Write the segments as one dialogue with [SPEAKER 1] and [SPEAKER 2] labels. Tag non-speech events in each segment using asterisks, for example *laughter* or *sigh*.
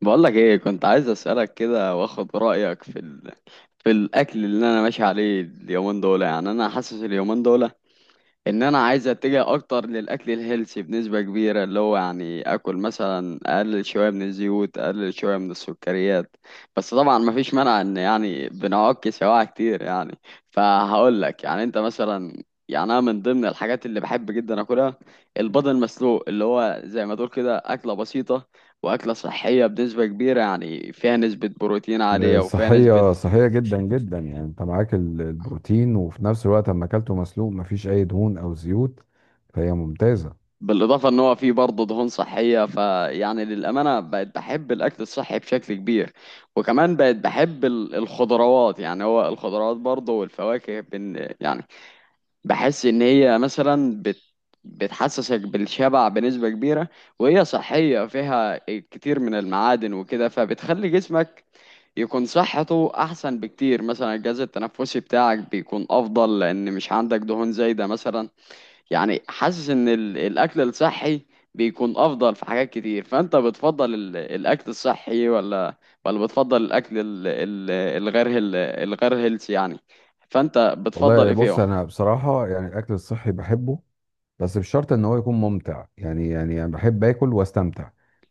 [SPEAKER 1] بقولك ايه، كنت عايز اسالك كده واخد رايك في في الاكل اللي انا ماشي عليه اليومين دول. يعني انا حاسس اليومين دول ان انا عايز اتجه اكتر للاكل الهيلثي بنسبه كبيره، اللي هو يعني اكل مثلا، اقلل شويه من الزيوت، اقلل شويه من السكريات. بس طبعا ما فيش مانع ان بنعك سواعي كتير فهقول لك، يعني انت مثلا، يعني انا من ضمن الحاجات اللي بحب جدا اكلها البيض المسلوق، اللي هو زي ما تقول كده اكله بسيطه واكله صحيه بنسبه كبيره، يعني فيها نسبه بروتين عاليه وفيها نسبه.
[SPEAKER 2] صحية جدا جدا، يعني انت معاك البروتين، وفي نفس الوقت اما اكلته مسلوق مفيش اي دهون او زيوت، فهي ممتازة.
[SPEAKER 1] بالاضافه ان هو فيه برضه دهون صحيه، للامانه بقت بحب الاكل الصحي بشكل كبير. وكمان بقت بحب الخضروات. يعني هو الخضروات برضه والفواكه بن يعني بحس ان هي مثلا بتحسسك بالشبع بنسبه كبيره، وهي صحيه فيها كتير من المعادن وكده، فبتخلي جسمك يكون صحته احسن بكتير. مثلا الجهاز التنفسي بتاعك بيكون افضل لان مش عندك دهون زايده مثلا. يعني حاسس ان الاكل الصحي بيكون افضل في حاجات كتير. فانت بتفضل الاكل الصحي ولا بتفضل الاكل الغير الغير هيلثي يعني؟ فانت بتفضل
[SPEAKER 2] والله
[SPEAKER 1] ايه
[SPEAKER 2] بص،
[SPEAKER 1] فيهم؟
[SPEAKER 2] انا بصراحة يعني الاكل الصحي بحبه، بس بشرط ان هو يكون ممتع. يعني انا بحب اكل واستمتع.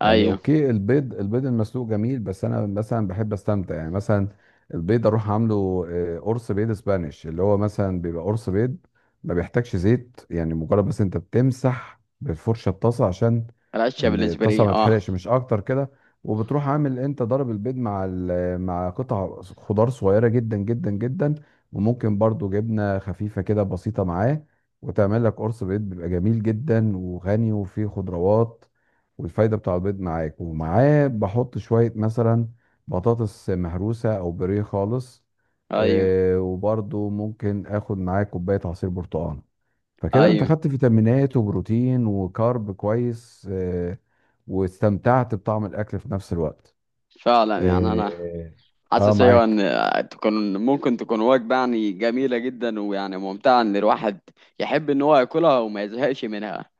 [SPEAKER 2] يعني
[SPEAKER 1] ايوه.
[SPEAKER 2] اوكي، البيض المسلوق جميل، بس انا مثلا بحب استمتع يعني، مثلا البيض اروح عامله، قرص بيض اسبانيش اللي هو مثلا بيبقى قرص بيض ما بيحتاجش زيت. يعني مجرد بس انت بتمسح بالفرشه الطاسه عشان
[SPEAKER 1] العشة
[SPEAKER 2] ان الطاسه
[SPEAKER 1] بالاسبري،
[SPEAKER 2] ما
[SPEAKER 1] اه.
[SPEAKER 2] تحرقش، مش اكتر كده. وبتروح عامل انت ضرب البيض مع مع قطع خضار صغيره جدا جدا جدا، وممكن برضو جبنه خفيفه كده بسيطه معاه، وتعمل لك قرص بيض بيبقى جميل جدا وغني وفيه خضروات، والفايدة بتاع البيض معاك، ومعاه بحط شوية مثلا بطاطس مهروسة أو بوريه خالص.
[SPEAKER 1] ايوه،
[SPEAKER 2] وبرضو ممكن آخد معاه كوباية عصير برتقال، فكده أنت
[SPEAKER 1] ايوه.
[SPEAKER 2] خدت فيتامينات وبروتين وكارب كويس واستمتعت بطعم الأكل في نفس الوقت.
[SPEAKER 1] فعلا، يعني انا
[SPEAKER 2] آه, آه،
[SPEAKER 1] حاسس، ايوه،
[SPEAKER 2] معاك.
[SPEAKER 1] ان تكون، ممكن تكون وجبه يعني جميله جدا ويعني ممتعه، ان الواحد يحب ان هو ياكلها وما يزهقش منها.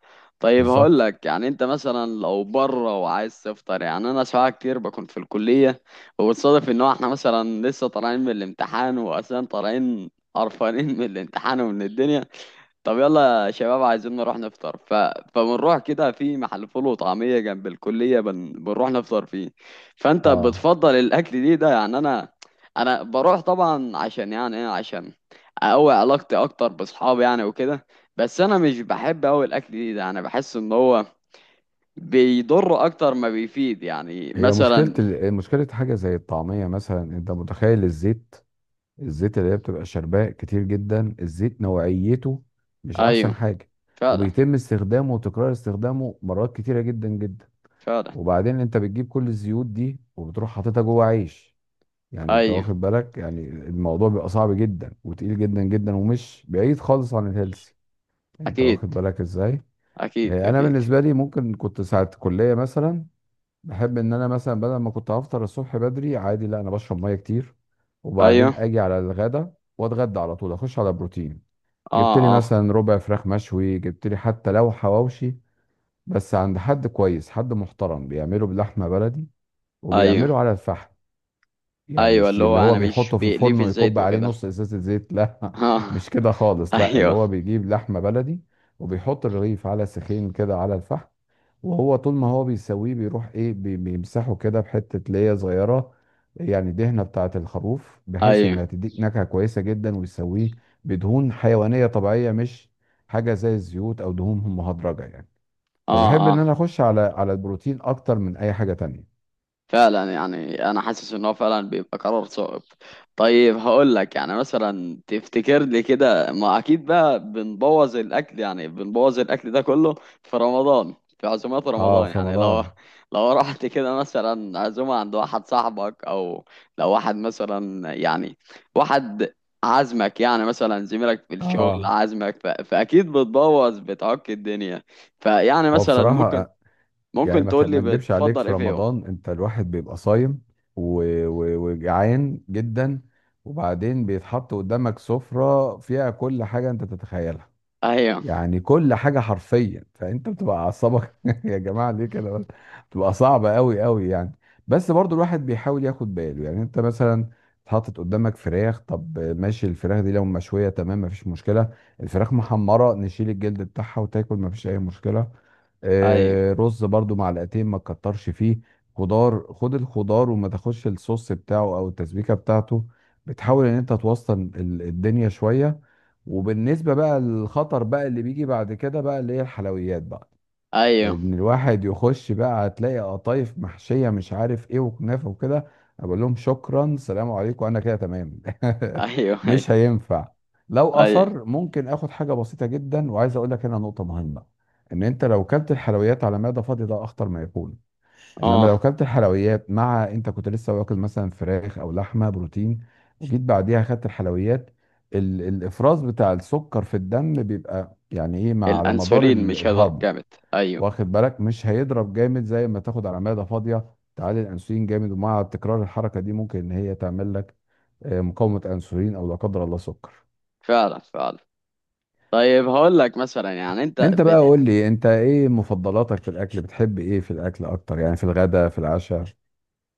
[SPEAKER 1] طيب هقول
[SPEAKER 2] بالظبط.
[SPEAKER 1] لك، يعني انت مثلا لو بره وعايز تفطر، يعني انا ساعات كتير بكون في الكليه، وبتصادف ان هو احنا مثلا لسه طالعين من الامتحان، واصلا طالعين قرفانين من الامتحان ومن الدنيا. طب يلا يا شباب عايزين نروح نفطر فبنروح كده في محل فول وطعمية جنب الكلية بنروح نفطر فيه. فأنت
[SPEAKER 2] آه
[SPEAKER 1] بتفضل الأكل دي ده؟ يعني أنا، أنا بروح طبعا عشان، يعني إيه، عشان أقوي علاقتي أكتر بأصحابي يعني وكده. بس أنا مش بحب أوي الأكل دي ده، أنا بحس إن هو بيضر أكتر ما بيفيد يعني
[SPEAKER 2] هي مشكلة
[SPEAKER 1] مثلا.
[SPEAKER 2] مشكلة حاجة زي الطعمية، مثلا أنت متخيل الزيت، اللي هي بتبقى شرباء كتير جدا، الزيت نوعيته مش احسن
[SPEAKER 1] أيوه،
[SPEAKER 2] حاجة،
[SPEAKER 1] فعلا.
[SPEAKER 2] وبيتم استخدامه وتكرار استخدامه مرات كتيرة جدا جدا.
[SPEAKER 1] فعلا.
[SPEAKER 2] وبعدين انت بتجيب كل الزيوت دي وبتروح حاططها جوه عيش، يعني انت
[SPEAKER 1] أيوه.
[SPEAKER 2] واخد بالك؟ يعني الموضوع بيبقى صعب جدا وتقيل جدا جدا، ومش بعيد خالص عن الهيلثي. انت واخد
[SPEAKER 1] أكيد.
[SPEAKER 2] بالك ازاي؟
[SPEAKER 1] أكيد،
[SPEAKER 2] انا
[SPEAKER 1] أكيد.
[SPEAKER 2] بالنسبة لي ممكن كنت ساعة كلية مثلا، بحب ان انا مثلا بدل ما كنت هفطر الصبح بدري عادي، لا، انا بشرب ميه كتير،
[SPEAKER 1] أيوه.
[SPEAKER 2] وبعدين اجي على الغدا واتغدى على طول، اخش على بروتين. جبت لي
[SPEAKER 1] أه، أه.
[SPEAKER 2] مثلا ربع فراخ مشوي، جبت لي حتى لو حواوشي، بس عند حد كويس، حد محترم بيعمله بلحمه بلدي،
[SPEAKER 1] أيوه.
[SPEAKER 2] وبيعمله على الفحم. يعني
[SPEAKER 1] ايوه،
[SPEAKER 2] مش
[SPEAKER 1] اللي هو
[SPEAKER 2] اللي هو
[SPEAKER 1] انا مش
[SPEAKER 2] بيحطه في
[SPEAKER 1] بيقلي
[SPEAKER 2] الفرن
[SPEAKER 1] في الزيت
[SPEAKER 2] ويكب عليه
[SPEAKER 1] وكده
[SPEAKER 2] نص
[SPEAKER 1] *laughs*
[SPEAKER 2] ازازه زيت، لا، *laughs*
[SPEAKER 1] اه.
[SPEAKER 2] مش كده خالص. لا، اللي
[SPEAKER 1] ايوه.
[SPEAKER 2] هو بيجيب لحمه بلدي وبيحط الرغيف على سخين كده على الفحم، وهو طول ما هو بيسويه بيروح ايه، بيمسحه كده بحتة ليا صغيرة، يعني دهنة بتاعة الخروف، بحيث
[SPEAKER 1] ايوه.
[SPEAKER 2] انها تديك نكهة كويسة جدا، ويسويه بدهون حيوانية طبيعية، مش حاجة زي الزيوت او دهون مهدرجة يعني.
[SPEAKER 1] اه،
[SPEAKER 2] فبحب ان
[SPEAKER 1] اه.
[SPEAKER 2] انا اخش على البروتين اكتر من اي حاجة تانية.
[SPEAKER 1] فعلا، يعني انا حاسس ان هو فعلا بيبقى قرار صعب. طيب هقول لك، يعني مثلا تفتكر لي كده، ما اكيد بقى بنبوظ الاكل، يعني بنبوظ الاكل ده كله في رمضان، في عزومات
[SPEAKER 2] اه،
[SPEAKER 1] رمضان،
[SPEAKER 2] في
[SPEAKER 1] يعني لو
[SPEAKER 2] رمضان.
[SPEAKER 1] رحت كده مثلا عزومة عند واحد صاحبك، او لو واحد مثلا يعني، واحد عازمك، يعني مثلا زميلك في الشغل
[SPEAKER 2] اه،
[SPEAKER 1] عازمك، فاكيد بتبوظ بتعك الدنيا. فيعني
[SPEAKER 2] هو
[SPEAKER 1] مثلا ممكن،
[SPEAKER 2] بصراحة يعني
[SPEAKER 1] ممكن تقول
[SPEAKER 2] ما
[SPEAKER 1] لي
[SPEAKER 2] اكدبش عليك،
[SPEAKER 1] بتفضل
[SPEAKER 2] في
[SPEAKER 1] ايه فيهم؟
[SPEAKER 2] رمضان انت الواحد بيبقى صايم، و... وجعان جدا. وبعدين بيتحط قدامك سفرة فيها كل حاجة انت تتخيلها،
[SPEAKER 1] ايوه.
[SPEAKER 2] يعني كل حاجة حرفيا. فانت بتبقى اعصابك *laughs* يا جماعة، ليه كده بس؟ بتبقى صعبة قوي قوي يعني. بس برضو الواحد بيحاول ياخد باله، يعني انت مثلا اتحطت قدامك فراخ، طب ماشي، الفراخ دي لو مشوية تمام مفيش مشكلة، الفراخ محمرة نشيل الجلد بتاعها وتاكل مفيش اي مشكلة.
[SPEAKER 1] ايوه،
[SPEAKER 2] رز برضو، معلقتين ما تكترش فيه. خضار، خد الخضار وما تاخدش الصوص بتاعه او التسبيكه بتاعته. بتحاول ان انت توسط الدنيا شويه. وبالنسبة بقى للخطر بقى اللي بيجي بعد كده بقى، اللي هي الحلويات بقى،
[SPEAKER 1] ايوه.
[SPEAKER 2] ان الواحد يخش بقى هتلاقي قطايف محشية مش عارف ايه وكنافة وكده، اقول لهم شكرا، سلام عليكم، انا كده تمام. *laughs*
[SPEAKER 1] ايوه.
[SPEAKER 2] مش
[SPEAKER 1] ايوه.
[SPEAKER 2] هينفع. لو
[SPEAKER 1] ايوه.
[SPEAKER 2] اصر ممكن اخد حاجة بسيطة جدا. وعايز اقول لك هنا نقطة مهمة، ان انت لو كلت الحلويات على معدة فاضية ده اخطر ما يكون، انما لو
[SPEAKER 1] اه.
[SPEAKER 2] كلت الحلويات مع انت كنت لسه واكل مثلا فراخ او لحمه بروتين، جيت بعديها خدت الحلويات، الافراز بتاع السكر في الدم بيبقى يعني ايه، مع على مدار
[SPEAKER 1] الانسولين مش هيضرب
[SPEAKER 2] الهضم.
[SPEAKER 1] جامد. ايوه.
[SPEAKER 2] واخد بالك؟ مش هيضرب جامد زي ما تاخد على معده فاضيه، تعالي الانسولين جامد، ومع تكرار الحركه دي ممكن ان هي تعمل لك مقاومه انسولين، او لا قدر الله سكر.
[SPEAKER 1] فعلا، فعلا. طيب هقول لك مثلا، يعني انت
[SPEAKER 2] انت بقى قول لي، انت ايه مفضلاتك في الاكل؟ بتحب ايه في الاكل اكتر؟ يعني في الغداء، في العشاء.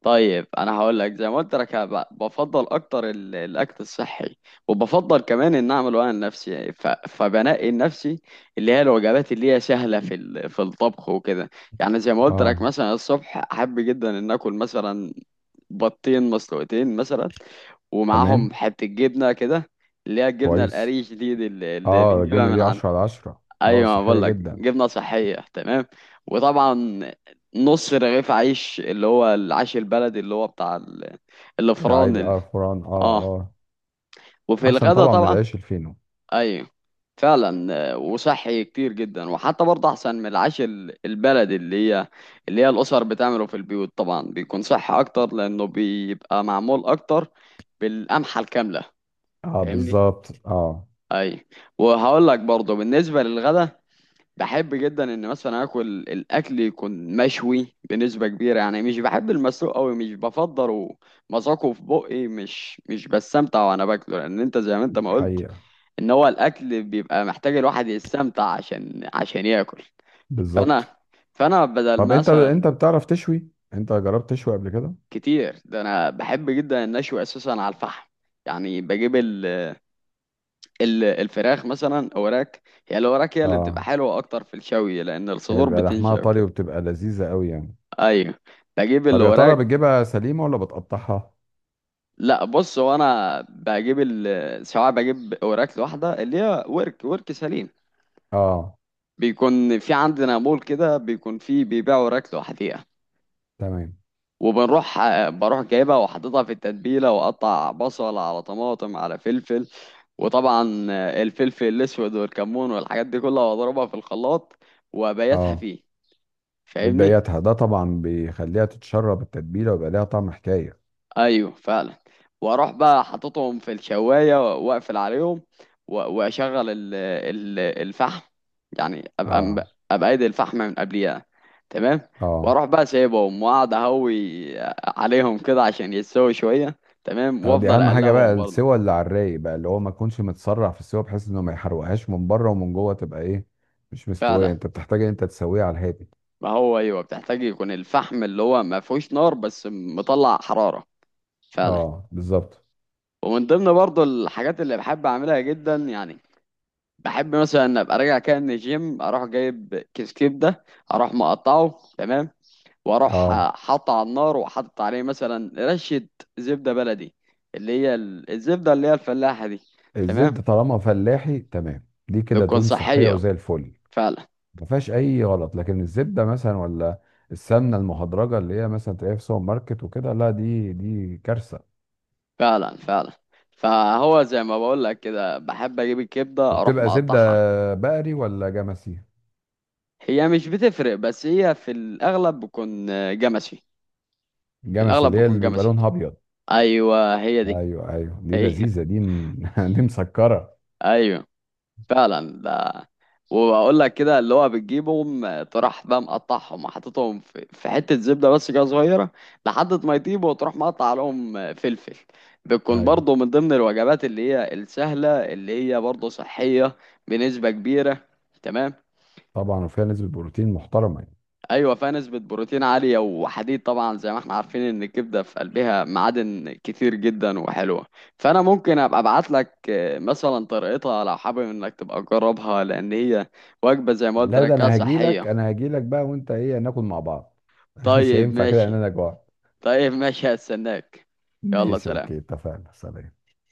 [SPEAKER 1] طيب انا هقول لك زي ما قلت لك، أنا بفضل اكتر الاكل الصحي، وبفضل كمان ان اعمله انا لنفسي. يعني فبنقي لنفسي اللي هي الوجبات اللي هي سهله في في الطبخ وكده. يعني زي ما قلت لك،
[SPEAKER 2] اه،
[SPEAKER 1] مثلا الصبح احب جدا ان اكل مثلا 2 بطين مسلوقتين مثلا،
[SPEAKER 2] تمام.
[SPEAKER 1] ومعاهم حتة جبنة كده، اللي هي الجبنة
[SPEAKER 2] كويس.
[SPEAKER 1] القريش دي. دي اللي
[SPEAKER 2] اه،
[SPEAKER 1] بنجيبها
[SPEAKER 2] الجبنه
[SPEAKER 1] من
[SPEAKER 2] دي
[SPEAKER 1] عند.
[SPEAKER 2] 10 على 10. اه،
[SPEAKER 1] أيوة، ما
[SPEAKER 2] صحيه
[SPEAKER 1] بقول لك
[SPEAKER 2] جدا.
[SPEAKER 1] جبنة صحية تمام. وطبعا نص رغيف عيش، اللي هو العيش البلدي اللي هو بتاع الفران
[SPEAKER 2] العادي، اه، فران. اه.
[SPEAKER 1] اه.
[SPEAKER 2] اه،
[SPEAKER 1] وفي
[SPEAKER 2] احسن
[SPEAKER 1] الغدا
[SPEAKER 2] طبعا من
[SPEAKER 1] طبعا،
[SPEAKER 2] العيش الفينو.
[SPEAKER 1] ايوه. فعلا، آه، وصحي كتير جدا، وحتى برضه احسن من العيش البلدي، اللي هي اللي هي الاسر بتعمله في البيوت. طبعا بيكون صحي اكتر لانه بيبقى معمول اكتر بالقمحة الكاملة.
[SPEAKER 2] اه،
[SPEAKER 1] فاهمني؟
[SPEAKER 2] بالظبط. اه.
[SPEAKER 1] اي. وهقول لك برضه بالنسبة للغدا، بحب جدا ان مثلا اكل، الاكل يكون مشوي بنسبة كبيرة. يعني مش بحب المسلوق قوي، مش بفضله. مذاقه في بقي، مش بستمتع وانا باكله، لان انت زي ما انت ما قلت
[SPEAKER 2] حقيقه.
[SPEAKER 1] ان هو الاكل بيبقى محتاج الواحد يستمتع عشان ياكل.
[SPEAKER 2] بالظبط.
[SPEAKER 1] فانا، فانا بدل
[SPEAKER 2] طب انت
[SPEAKER 1] مثلا،
[SPEAKER 2] انت بتعرف تشوي؟ انت جربت تشوي قبل كده؟
[SPEAKER 1] كتير ده، انا بحب جدا النشوي اساسا على الفحم. يعني بجيب ال الفراخ مثلا اوراك. هي الاوراك هي اللي بتبقى
[SPEAKER 2] اه،
[SPEAKER 1] حلوه اكتر في الشوي، لان
[SPEAKER 2] هي
[SPEAKER 1] الصدور
[SPEAKER 2] بيبقى لحمها
[SPEAKER 1] بتنشف
[SPEAKER 2] طري
[SPEAKER 1] كده.
[SPEAKER 2] وبتبقى لذيذه قوي يعني.
[SPEAKER 1] ايوه، بجيب
[SPEAKER 2] طب يا ترى
[SPEAKER 1] الاوراك.
[SPEAKER 2] بتجيبها سليمه ولا بتقطعها؟
[SPEAKER 1] لا، بص هو انا بجيب سواء بجيب اوراك لوحدها اللي هي ورك، ورك سليم.
[SPEAKER 2] اه،
[SPEAKER 1] بيكون في عندنا مول كده بيكون فيه بيبيعوا اوراك لوحديها.
[SPEAKER 2] تمام.
[SPEAKER 1] وبنروح بروح جايبها وحاططها في التتبيله، واقطع بصل على طماطم على فلفل، وطبعا الفلفل الاسود والكمون والحاجات دي كلها، واضربها في الخلاط، وابيتها
[SPEAKER 2] اه،
[SPEAKER 1] فيه. فاهمني؟
[SPEAKER 2] بتبيتها ده طبعا بيخليها تتشرب التتبيله، ويبقى ليها طعم حكايه.
[SPEAKER 1] ايوه، فعلا. واروح بقى حاططهم في الشوايه واقفل عليهم، واشغل الفحم. يعني
[SPEAKER 2] اه،
[SPEAKER 1] ابقى ايدي الفحم من قبليها، تمام.
[SPEAKER 2] اه،
[SPEAKER 1] واروح بقى سايبهم، واقعد اهوي عليهم كده عشان يتسووا شويه، تمام،
[SPEAKER 2] اه، دي
[SPEAKER 1] وافضل
[SPEAKER 2] اهم حاجه بقى،
[SPEAKER 1] اقلبهم برضه.
[SPEAKER 2] السوى اللي على الرايق بقى، اللي هو ما تكونش متسرع في السوى، بحيث انه ما يحرقهاش من بره، ومن جوه تبقى ايه، مش
[SPEAKER 1] فعلا.
[SPEAKER 2] مستويه. انت بتحتاج ان انت تسويها على الهادي.
[SPEAKER 1] ما هو ايوه، بتحتاج يكون الفحم اللي هو ما فيهوش نار بس مطلع حراره. فعلا.
[SPEAKER 2] اه، بالظبط.
[SPEAKER 1] ومن ضمن برضو الحاجات اللي بحب اعملها جدا، يعني بحب مثلا ان ابقى راجع كده من الجيم، اروح جايب كيس كبده، اروح مقطعه تمام، واروح
[SPEAKER 2] اه،
[SPEAKER 1] حاطه على النار، وحاطط عليه مثلا رشه زبده بلدي، اللي هي الزبده اللي هي الفلاحه دي،
[SPEAKER 2] الزيت
[SPEAKER 1] تمام.
[SPEAKER 2] ده طالما فلاحي تمام، دي كده
[SPEAKER 1] بتكون
[SPEAKER 2] دهون صحيه
[SPEAKER 1] صحيه،
[SPEAKER 2] وزي الفل،
[SPEAKER 1] فعلا.
[SPEAKER 2] ما فيهاش اي غلط. لكن الزبده مثلا، ولا السمنه المهدرجه اللي هي مثلا تلاقيها في سوبر ماركت وكده، لا، دي كارثه.
[SPEAKER 1] فعلا، فعلا. فهو زي ما بقول لك كده، بحب اجيب الكبده اروح
[SPEAKER 2] وبتبقى زبده
[SPEAKER 1] مقطعها.
[SPEAKER 2] بقري ولا جمسي؟
[SPEAKER 1] هي مش بتفرق، بس هي في الأغلب بكون، آه، جمشي. في
[SPEAKER 2] جمسي
[SPEAKER 1] الأغلب
[SPEAKER 2] اللي هي
[SPEAKER 1] بكون
[SPEAKER 2] اللي بيبقى
[SPEAKER 1] جمشي.
[SPEAKER 2] لونها ابيض.
[SPEAKER 1] أيوة، هي دي.
[SPEAKER 2] ايوه، ايوه، دي
[SPEAKER 1] هي *laughs*
[SPEAKER 2] لذيذه، *laughs* دي مسكره.
[SPEAKER 1] أيوة، فعلا ده. وأقول لك كده اللي هو بتجيبهم، آه، تروح بقى مقطعهم وحاططهم في حتة زبدة بس كده صغيرة، لحد ما يطيبوا، وتروح مقطع عليهم، آه، فلفل. بتكون
[SPEAKER 2] ايوه،
[SPEAKER 1] برضه من ضمن الوجبات اللي هي السهلة اللي هي برضه صحية بنسبة كبيرة، تمام.
[SPEAKER 2] طبعا، وفيها نسبه بروتين محترمه يعني.
[SPEAKER 1] ايوه، فيها نسبة بروتين عالية وحديد طبعا، زي ما احنا عارفين ان الكبدة في قلبها معادن كتير جدا وحلوة. فانا ممكن ابقى ابعت لك، آه، مثلا طريقتها لو حابب انك تبقى تجربها، لان هي وجبة زي ما قلت
[SPEAKER 2] لا،
[SPEAKER 1] لك
[SPEAKER 2] ده
[SPEAKER 1] كده صحية.
[SPEAKER 2] انا هاجي لك بقى، وانت ايه ناكل مع بعض. *laughs* مش
[SPEAKER 1] طيب
[SPEAKER 2] هينفع كده، لان
[SPEAKER 1] ماشي.
[SPEAKER 2] انا جوعت.
[SPEAKER 1] طيب ماشي، هستناك. يلا
[SPEAKER 2] ماشي،
[SPEAKER 1] سلام.
[SPEAKER 2] اوكي، اتفقنا، سلام.